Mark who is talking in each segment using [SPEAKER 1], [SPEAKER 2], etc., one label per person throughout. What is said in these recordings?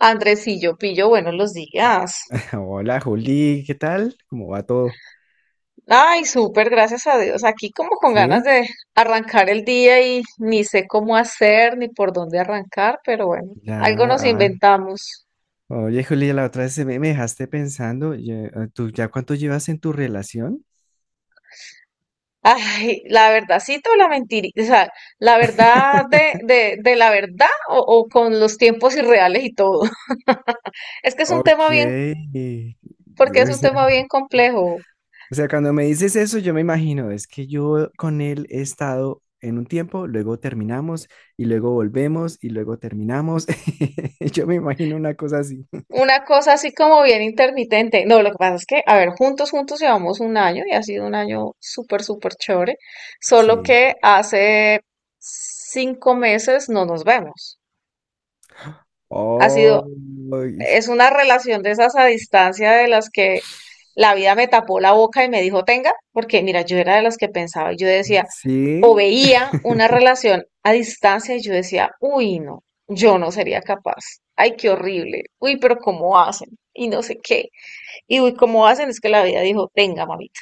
[SPEAKER 1] Andresillo, pillo, buenos los días.
[SPEAKER 2] Hola Juli, ¿qué tal? ¿Cómo va todo?
[SPEAKER 1] Ay, súper, gracias a Dios. Aquí como con ganas
[SPEAKER 2] ¿Sí?
[SPEAKER 1] de arrancar el día y ni sé cómo hacer ni por dónde arrancar, pero bueno,
[SPEAKER 2] Ya,
[SPEAKER 1] algo nos
[SPEAKER 2] ah,
[SPEAKER 1] inventamos.
[SPEAKER 2] oye Juli, la otra vez se me dejaste pensando, ¿tú ya cuánto llevas en tu relación?
[SPEAKER 1] Ay, la verdadcita o la mentirita, o sea, la verdad de la verdad o con los tiempos irreales y todo. Es que es un tema
[SPEAKER 2] Ok,
[SPEAKER 1] bien, porque es
[SPEAKER 2] o
[SPEAKER 1] un
[SPEAKER 2] sea,
[SPEAKER 1] tema bien complejo.
[SPEAKER 2] o sea, cuando me dices eso yo me imagino, es que yo con él he estado en un tiempo, luego terminamos y luego volvemos y luego terminamos. Yo me imagino una cosa así.
[SPEAKER 1] Una cosa así como bien intermitente. No, lo que pasa es que, a ver, juntos, juntos llevamos un año y ha sido un año súper, súper chévere. Solo
[SPEAKER 2] Sí.
[SPEAKER 1] que hace 5 meses no nos vemos. Ha
[SPEAKER 2] Oh,
[SPEAKER 1] sido,
[SPEAKER 2] y-
[SPEAKER 1] es una relación de esas a distancia de las que la vida me tapó la boca y me dijo, tenga, porque mira, yo era de las que pensaba y yo decía, o
[SPEAKER 2] sí.
[SPEAKER 1] veía una relación a distancia y yo decía, uy, no, yo no sería capaz. Ay, qué horrible. Uy, pero ¿cómo hacen? Y no sé qué. Y uy, ¿cómo hacen? Es que la vida dijo, tenga, mamita.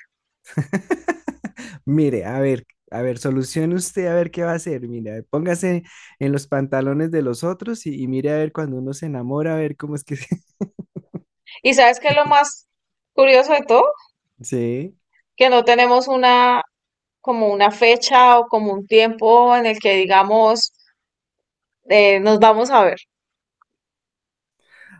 [SPEAKER 2] Mire, a ver, solucione usted a ver qué va a hacer. Mire, póngase en los pantalones de los otros y mire a ver cuando uno se enamora, a ver cómo es que se-
[SPEAKER 1] ¿Y sabes qué es lo más curioso de todo?
[SPEAKER 2] Sí,
[SPEAKER 1] Que no tenemos como una fecha o como un tiempo en el que digamos, nos vamos a ver.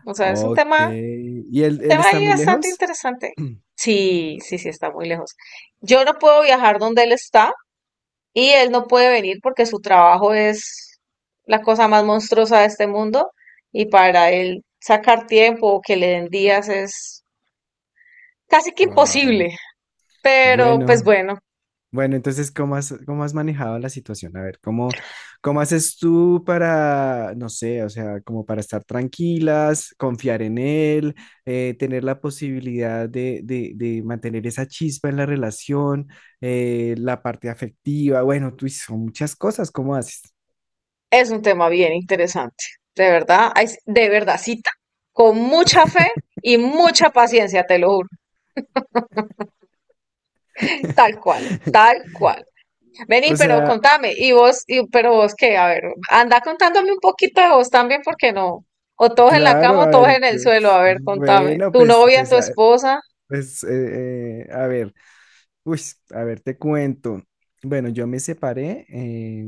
[SPEAKER 1] O sea, es
[SPEAKER 2] ok. ¿Y
[SPEAKER 1] un
[SPEAKER 2] él
[SPEAKER 1] tema
[SPEAKER 2] está
[SPEAKER 1] ahí
[SPEAKER 2] muy
[SPEAKER 1] bastante
[SPEAKER 2] lejos?
[SPEAKER 1] interesante. Sí, sí, sí, está muy lejos. Yo no puedo viajar donde él está y él no puede venir porque su trabajo es la cosa más monstruosa de este mundo y para él sacar tiempo o que le den días es casi que imposible.
[SPEAKER 2] Wow.
[SPEAKER 1] Pero pues
[SPEAKER 2] Bueno.
[SPEAKER 1] bueno,
[SPEAKER 2] Bueno, entonces, cómo has manejado la situación? A ver, ¿cómo, cómo haces tú para, no sé, o sea, como para estar tranquilas, confiar en él, tener la posibilidad de mantener esa chispa en la relación, la parte afectiva? Bueno, tú son muchas cosas, ¿cómo haces?
[SPEAKER 1] es un tema bien interesante. De verdad, ay, de verdad, cita, con mucha fe y mucha paciencia, te lo juro. Tal cual, tal cual. Vení,
[SPEAKER 2] O
[SPEAKER 1] pero
[SPEAKER 2] sea,
[SPEAKER 1] contame, y vos, pero vos qué, a ver, anda contándome un poquito de vos también, porque no. O todos en la cama
[SPEAKER 2] claro,
[SPEAKER 1] o
[SPEAKER 2] a
[SPEAKER 1] todos
[SPEAKER 2] ver,
[SPEAKER 1] en el suelo, a ver, contame.
[SPEAKER 2] bueno,
[SPEAKER 1] Tu novia, tu esposa.
[SPEAKER 2] pues, a ver. Uy, a ver, te cuento. Bueno, yo me separé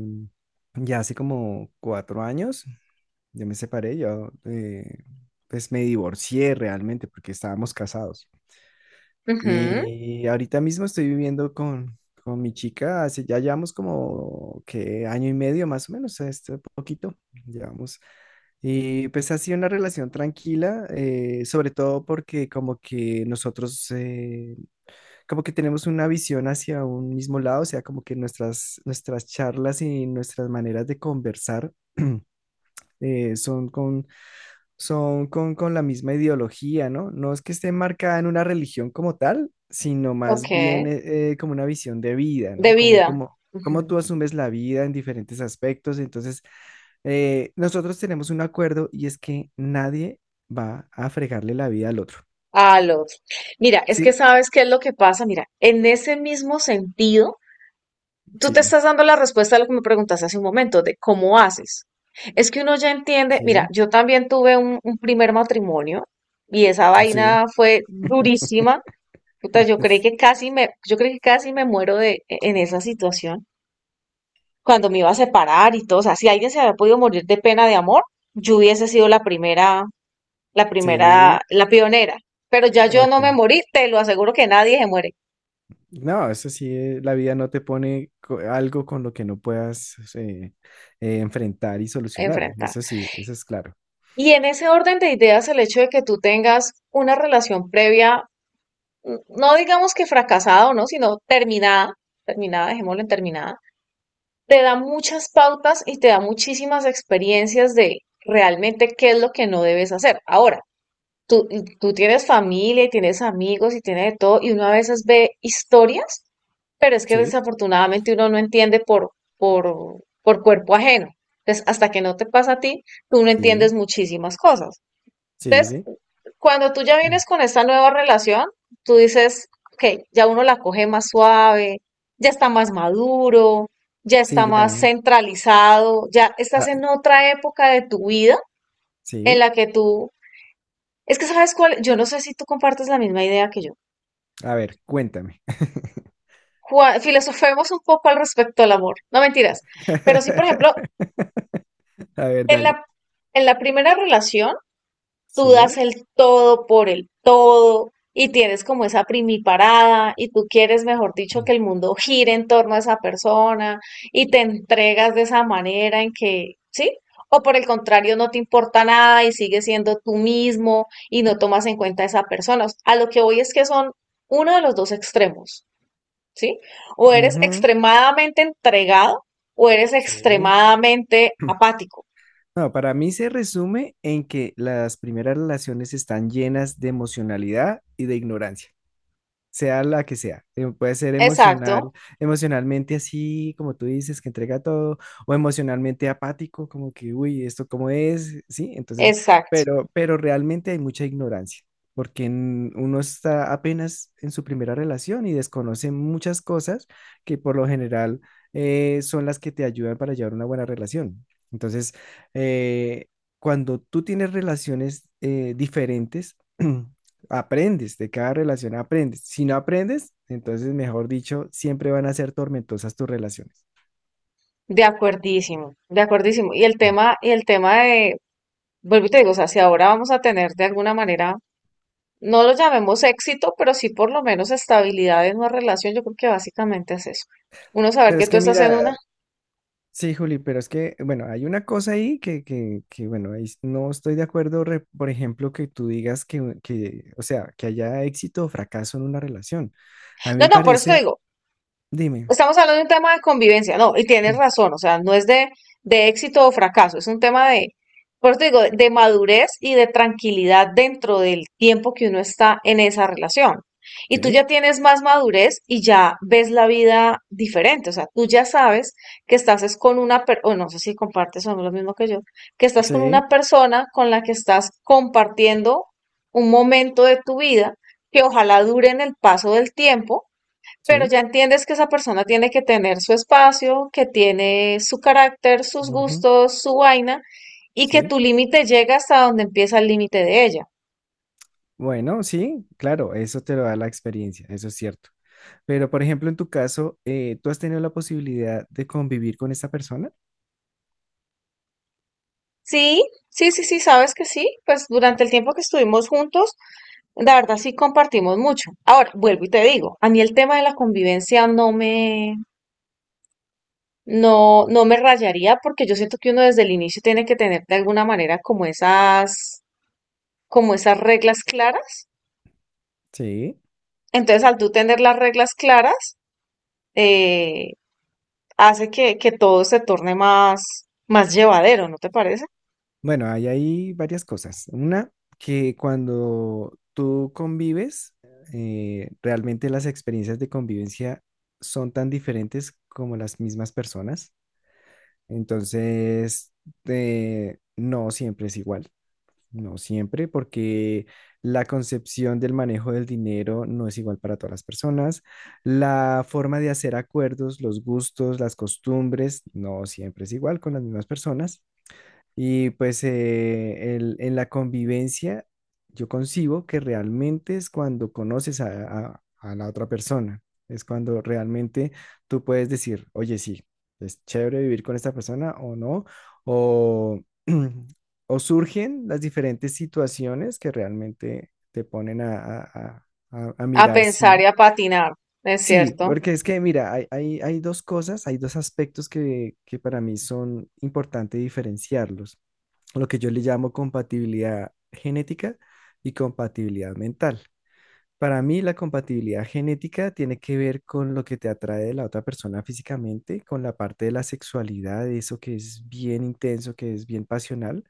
[SPEAKER 2] ya hace como 4 años. Yo me separé, yo pues me divorcié realmente porque estábamos casados.
[SPEAKER 1] Ujú,
[SPEAKER 2] Y ahorita mismo estoy viviendo con mi chica, hace, ya llevamos como que año y medio más o menos, este poquito llevamos. Y pues ha sido una relación tranquila, sobre todo porque como que nosotros, como que tenemos una visión hacia un mismo lado, o sea, como que nuestras charlas y nuestras maneras de conversar eh, son con, con la misma ideología, ¿no? No es que esté marcada en una religión como tal, sino más bien
[SPEAKER 1] ok.
[SPEAKER 2] como una visión de vida,
[SPEAKER 1] De
[SPEAKER 2] ¿no?
[SPEAKER 1] vida.
[SPEAKER 2] Como tú
[SPEAKER 1] Ujú,
[SPEAKER 2] asumes la vida en diferentes aspectos, entonces... nosotros tenemos un acuerdo y es que nadie va a fregarle la vida al otro.
[SPEAKER 1] al otro. Mira, es
[SPEAKER 2] Sí,
[SPEAKER 1] que sabes qué es lo que pasa. Mira, en ese mismo sentido, tú te
[SPEAKER 2] sí,
[SPEAKER 1] estás dando la respuesta a lo que me preguntaste hace un momento, de cómo haces. Es que uno ya entiende, mira,
[SPEAKER 2] sí,
[SPEAKER 1] yo también tuve un primer matrimonio y esa
[SPEAKER 2] sí,
[SPEAKER 1] vaina fue durísima. Puta, yo creí que casi me muero en esa situación, cuando me iba a separar y todo. O sea, si alguien se había podido morir de pena de amor, yo hubiese sido la primera, la
[SPEAKER 2] sí,
[SPEAKER 1] primera, la pionera. Pero ya yo no me
[SPEAKER 2] Ok.
[SPEAKER 1] morí, te lo aseguro que nadie se muere
[SPEAKER 2] No, eso sí, la vida no te pone co- algo con lo que no puedas enfrentar y solucionar.
[SPEAKER 1] enfrentado.
[SPEAKER 2] Eso sí, eso es claro.
[SPEAKER 1] Y en ese orden de ideas, el hecho de que tú tengas una relación previa, no digamos que fracasada o no, sino terminada, terminada, dejémoslo en terminada, te da muchas pautas y te da muchísimas experiencias de realmente qué es lo que no debes hacer. Ahora, tú, tú tienes familia y tienes amigos y tienes de todo, y uno a veces ve historias, pero es que
[SPEAKER 2] Sí,
[SPEAKER 1] desafortunadamente uno no entiende por cuerpo ajeno. Entonces, hasta que no te pasa a ti, tú no entiendes
[SPEAKER 2] sí,
[SPEAKER 1] muchísimas cosas.
[SPEAKER 2] sí, sí,
[SPEAKER 1] Entonces,
[SPEAKER 2] sí.
[SPEAKER 1] cuando tú ya vienes con esta nueva relación, tú dices, ok, ya uno la coge más suave, ya está más maduro, ya
[SPEAKER 2] Sí,
[SPEAKER 1] está más
[SPEAKER 2] ya.
[SPEAKER 1] centralizado, ya estás
[SPEAKER 2] Ah,
[SPEAKER 1] en otra época de tu vida en
[SPEAKER 2] sí.
[SPEAKER 1] la que tú, es que sabes cuál, yo no sé si tú compartes la misma idea que yo.
[SPEAKER 2] A ver, cuéntame.
[SPEAKER 1] Filosofemos un poco al respecto al amor, no mentiras, pero sí, por ejemplo,
[SPEAKER 2] A ver,
[SPEAKER 1] en
[SPEAKER 2] dale.
[SPEAKER 1] la, en la primera relación, tú das
[SPEAKER 2] Sí.
[SPEAKER 1] el todo por el todo y tienes como esa primiparada y tú quieres, mejor dicho, que el mundo gire en torno a esa persona y te entregas de esa manera en que, ¿sí? O por el contrario, no te importa nada y sigues siendo tú mismo y no tomas en cuenta a esa persona. O sea, a lo que voy es que son uno de los dos extremos, ¿sí? O eres
[SPEAKER 2] Ujú,
[SPEAKER 1] extremadamente entregado o eres
[SPEAKER 2] sí.
[SPEAKER 1] extremadamente apático.
[SPEAKER 2] No, para mí se resume en que las primeras relaciones están llenas de emocionalidad y de ignorancia. Sea la que sea. Puede ser
[SPEAKER 1] Exacto,
[SPEAKER 2] emocional, emocionalmente así, como tú dices, que entrega todo, o emocionalmente apático, como que, uy, ¿esto cómo es? Sí, entonces,
[SPEAKER 1] exacto.
[SPEAKER 2] pero realmente hay mucha ignorancia, porque en- uno está apenas en su primera relación y desconoce muchas cosas que por lo general son las que te ayudan para llevar una buena relación. Entonces, eh, cuando tú tienes relaciones diferentes, aprendes, de cada relación aprendes. Si no aprendes, entonces, mejor dicho, siempre van a ser tormentosas tus relaciones.
[SPEAKER 1] De acuerdísimo, de acuerdísimo.
[SPEAKER 2] Mm.
[SPEAKER 1] Y el tema de, vuelvo y te digo, o sea, si ahora vamos a tener de alguna manera, no lo llamemos éxito, pero sí por lo menos estabilidad en una relación, yo creo que básicamente es eso. Uno saber
[SPEAKER 2] Pero
[SPEAKER 1] que
[SPEAKER 2] es
[SPEAKER 1] tú
[SPEAKER 2] que
[SPEAKER 1] estás en una.
[SPEAKER 2] mira, sí, Juli, pero es que, bueno, hay una cosa ahí que bueno, ahí no estoy de acuerdo, re- por ejemplo, que tú digas o sea, que haya éxito o fracaso en una relación. A mí
[SPEAKER 1] No,
[SPEAKER 2] me
[SPEAKER 1] no, por eso te
[SPEAKER 2] parece,
[SPEAKER 1] digo,
[SPEAKER 2] dime,
[SPEAKER 1] estamos hablando de un tema de convivencia, no, y tienes
[SPEAKER 2] mm.
[SPEAKER 1] razón, o sea, no es de éxito o fracaso, es un tema de, por eso te digo, de madurez y de tranquilidad dentro del tiempo que uno está en esa relación. Y tú
[SPEAKER 2] Sí,
[SPEAKER 1] ya tienes más madurez y ya ves la vida diferente, o sea, tú ya sabes que estás es con una persona, no sé si compartes o no lo mismo que yo, que estás con
[SPEAKER 2] sí,
[SPEAKER 1] una persona con la que estás compartiendo un momento de tu vida que ojalá dure en el paso del tiempo, pero
[SPEAKER 2] sí,
[SPEAKER 1] ya entiendes que esa persona tiene que tener su espacio, que tiene su carácter, sus
[SPEAKER 2] ujú,
[SPEAKER 1] gustos, su vaina, y que
[SPEAKER 2] sí.
[SPEAKER 1] tu límite llega hasta donde empieza el límite de ella.
[SPEAKER 2] Bueno, sí, claro, eso te lo da la experiencia, eso es cierto. Pero, por ejemplo, en tu caso, ¿tú has tenido la posibilidad de convivir con esta persona?
[SPEAKER 1] Sí, sí, sí, sí, sabes que sí. Pues durante el tiempo que estuvimos juntos, la verdad sí compartimos mucho. Ahora, vuelvo y te digo, a mí el tema de la convivencia no me, no me rayaría, porque yo siento que uno desde el inicio tiene que tener de alguna manera como esas, reglas claras.
[SPEAKER 2] Sí.
[SPEAKER 1] Entonces, al tú tener las reglas claras, eh, hace que todo se torne más, más llevadero, ¿no te parece?
[SPEAKER 2] Bueno, hay ahí varias cosas. Una, que cuando tú convives, realmente las experiencias de convivencia son tan diferentes como las mismas personas. Entonces, no siempre es igual. No siempre, porque la concepción del manejo del dinero no es igual para todas las personas. La forma de hacer acuerdos, los gustos, las costumbres, no siempre es igual con las mismas personas. Y pues en la convivencia yo concibo que realmente es cuando conoces a la otra persona, es cuando realmente tú puedes decir, oye, sí, es chévere vivir con esta persona o no, o, o surgen las diferentes situaciones que realmente te ponen a
[SPEAKER 1] A
[SPEAKER 2] mirar
[SPEAKER 1] pensar
[SPEAKER 2] si...
[SPEAKER 1] y a patinar, es
[SPEAKER 2] Sí,
[SPEAKER 1] cierto.
[SPEAKER 2] porque es que mira, hay dos cosas, hay dos aspectos que para mí son importantes diferenciarlos lo que yo le llamo compatibilidad genética y compatibilidad mental. Para mí, la compatibilidad genética tiene que ver con lo que te atrae de la otra persona físicamente, con la parte de la sexualidad, eso que es bien intenso, que es bien pasional,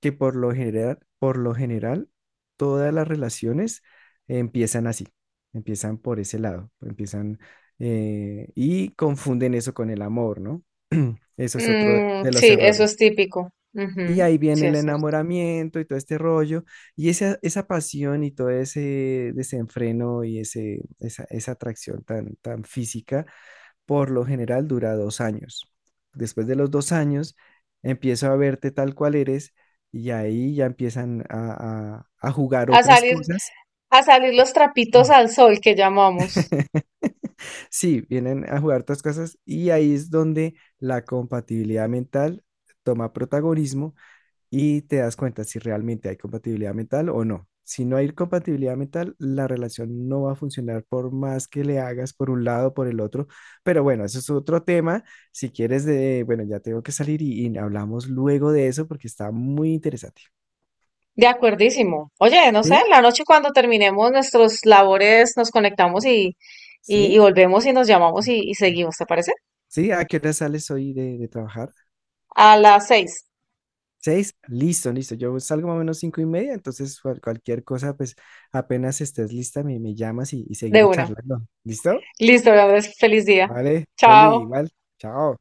[SPEAKER 2] que por lo general, todas las relaciones empiezan así, empiezan por ese lado, empiezan y confunden eso con el amor, ¿no? Eso es otro
[SPEAKER 1] Mm,
[SPEAKER 2] de los
[SPEAKER 1] sí, eso es
[SPEAKER 2] errores.
[SPEAKER 1] típico.
[SPEAKER 2] Y
[SPEAKER 1] Ujú,
[SPEAKER 2] ahí
[SPEAKER 1] sí,
[SPEAKER 2] viene el
[SPEAKER 1] es cierto.
[SPEAKER 2] enamoramiento y todo este rollo, y esa pasión y todo ese desenfreno y esa atracción tan física, por lo general dura 2 años. Después de los 2 años, empiezo a verte tal cual eres y ahí ya empiezan a jugar
[SPEAKER 1] A
[SPEAKER 2] otras
[SPEAKER 1] salir,
[SPEAKER 2] cosas.
[SPEAKER 1] a salir los trapitos al sol que llamamos.
[SPEAKER 2] Sí, vienen a jugar otras cosas y ahí es donde la compatibilidad mental toma protagonismo y te das cuenta si realmente hay compatibilidad mental o no. Si no hay compatibilidad mental, la relación no va a funcionar por más que le hagas por un lado o por el otro. Pero bueno, eso es otro tema. Si quieres, bueno, ya tengo que salir y hablamos luego de eso porque está muy interesante.
[SPEAKER 1] De acuerdísimo. Oye, no sé, en
[SPEAKER 2] ¿Sí?
[SPEAKER 1] la noche cuando terminemos nuestros labores nos conectamos y
[SPEAKER 2] ¿Sí?
[SPEAKER 1] volvemos y nos llamamos y seguimos, ¿te parece?
[SPEAKER 2] ¿Sí? ¿A qué hora sales hoy de trabajar?
[SPEAKER 1] A las 6,
[SPEAKER 2] 6, listo, listo. Yo salgo más o menos 5:30, entonces cual- cualquier cosa, pues apenas estés lista, me llamas y
[SPEAKER 1] de
[SPEAKER 2] seguimos
[SPEAKER 1] una.
[SPEAKER 2] charlando. ¿Listo?
[SPEAKER 1] Listo, Andrés, feliz día.
[SPEAKER 2] Vale, Juli,
[SPEAKER 1] Chao.
[SPEAKER 2] igual. Chao.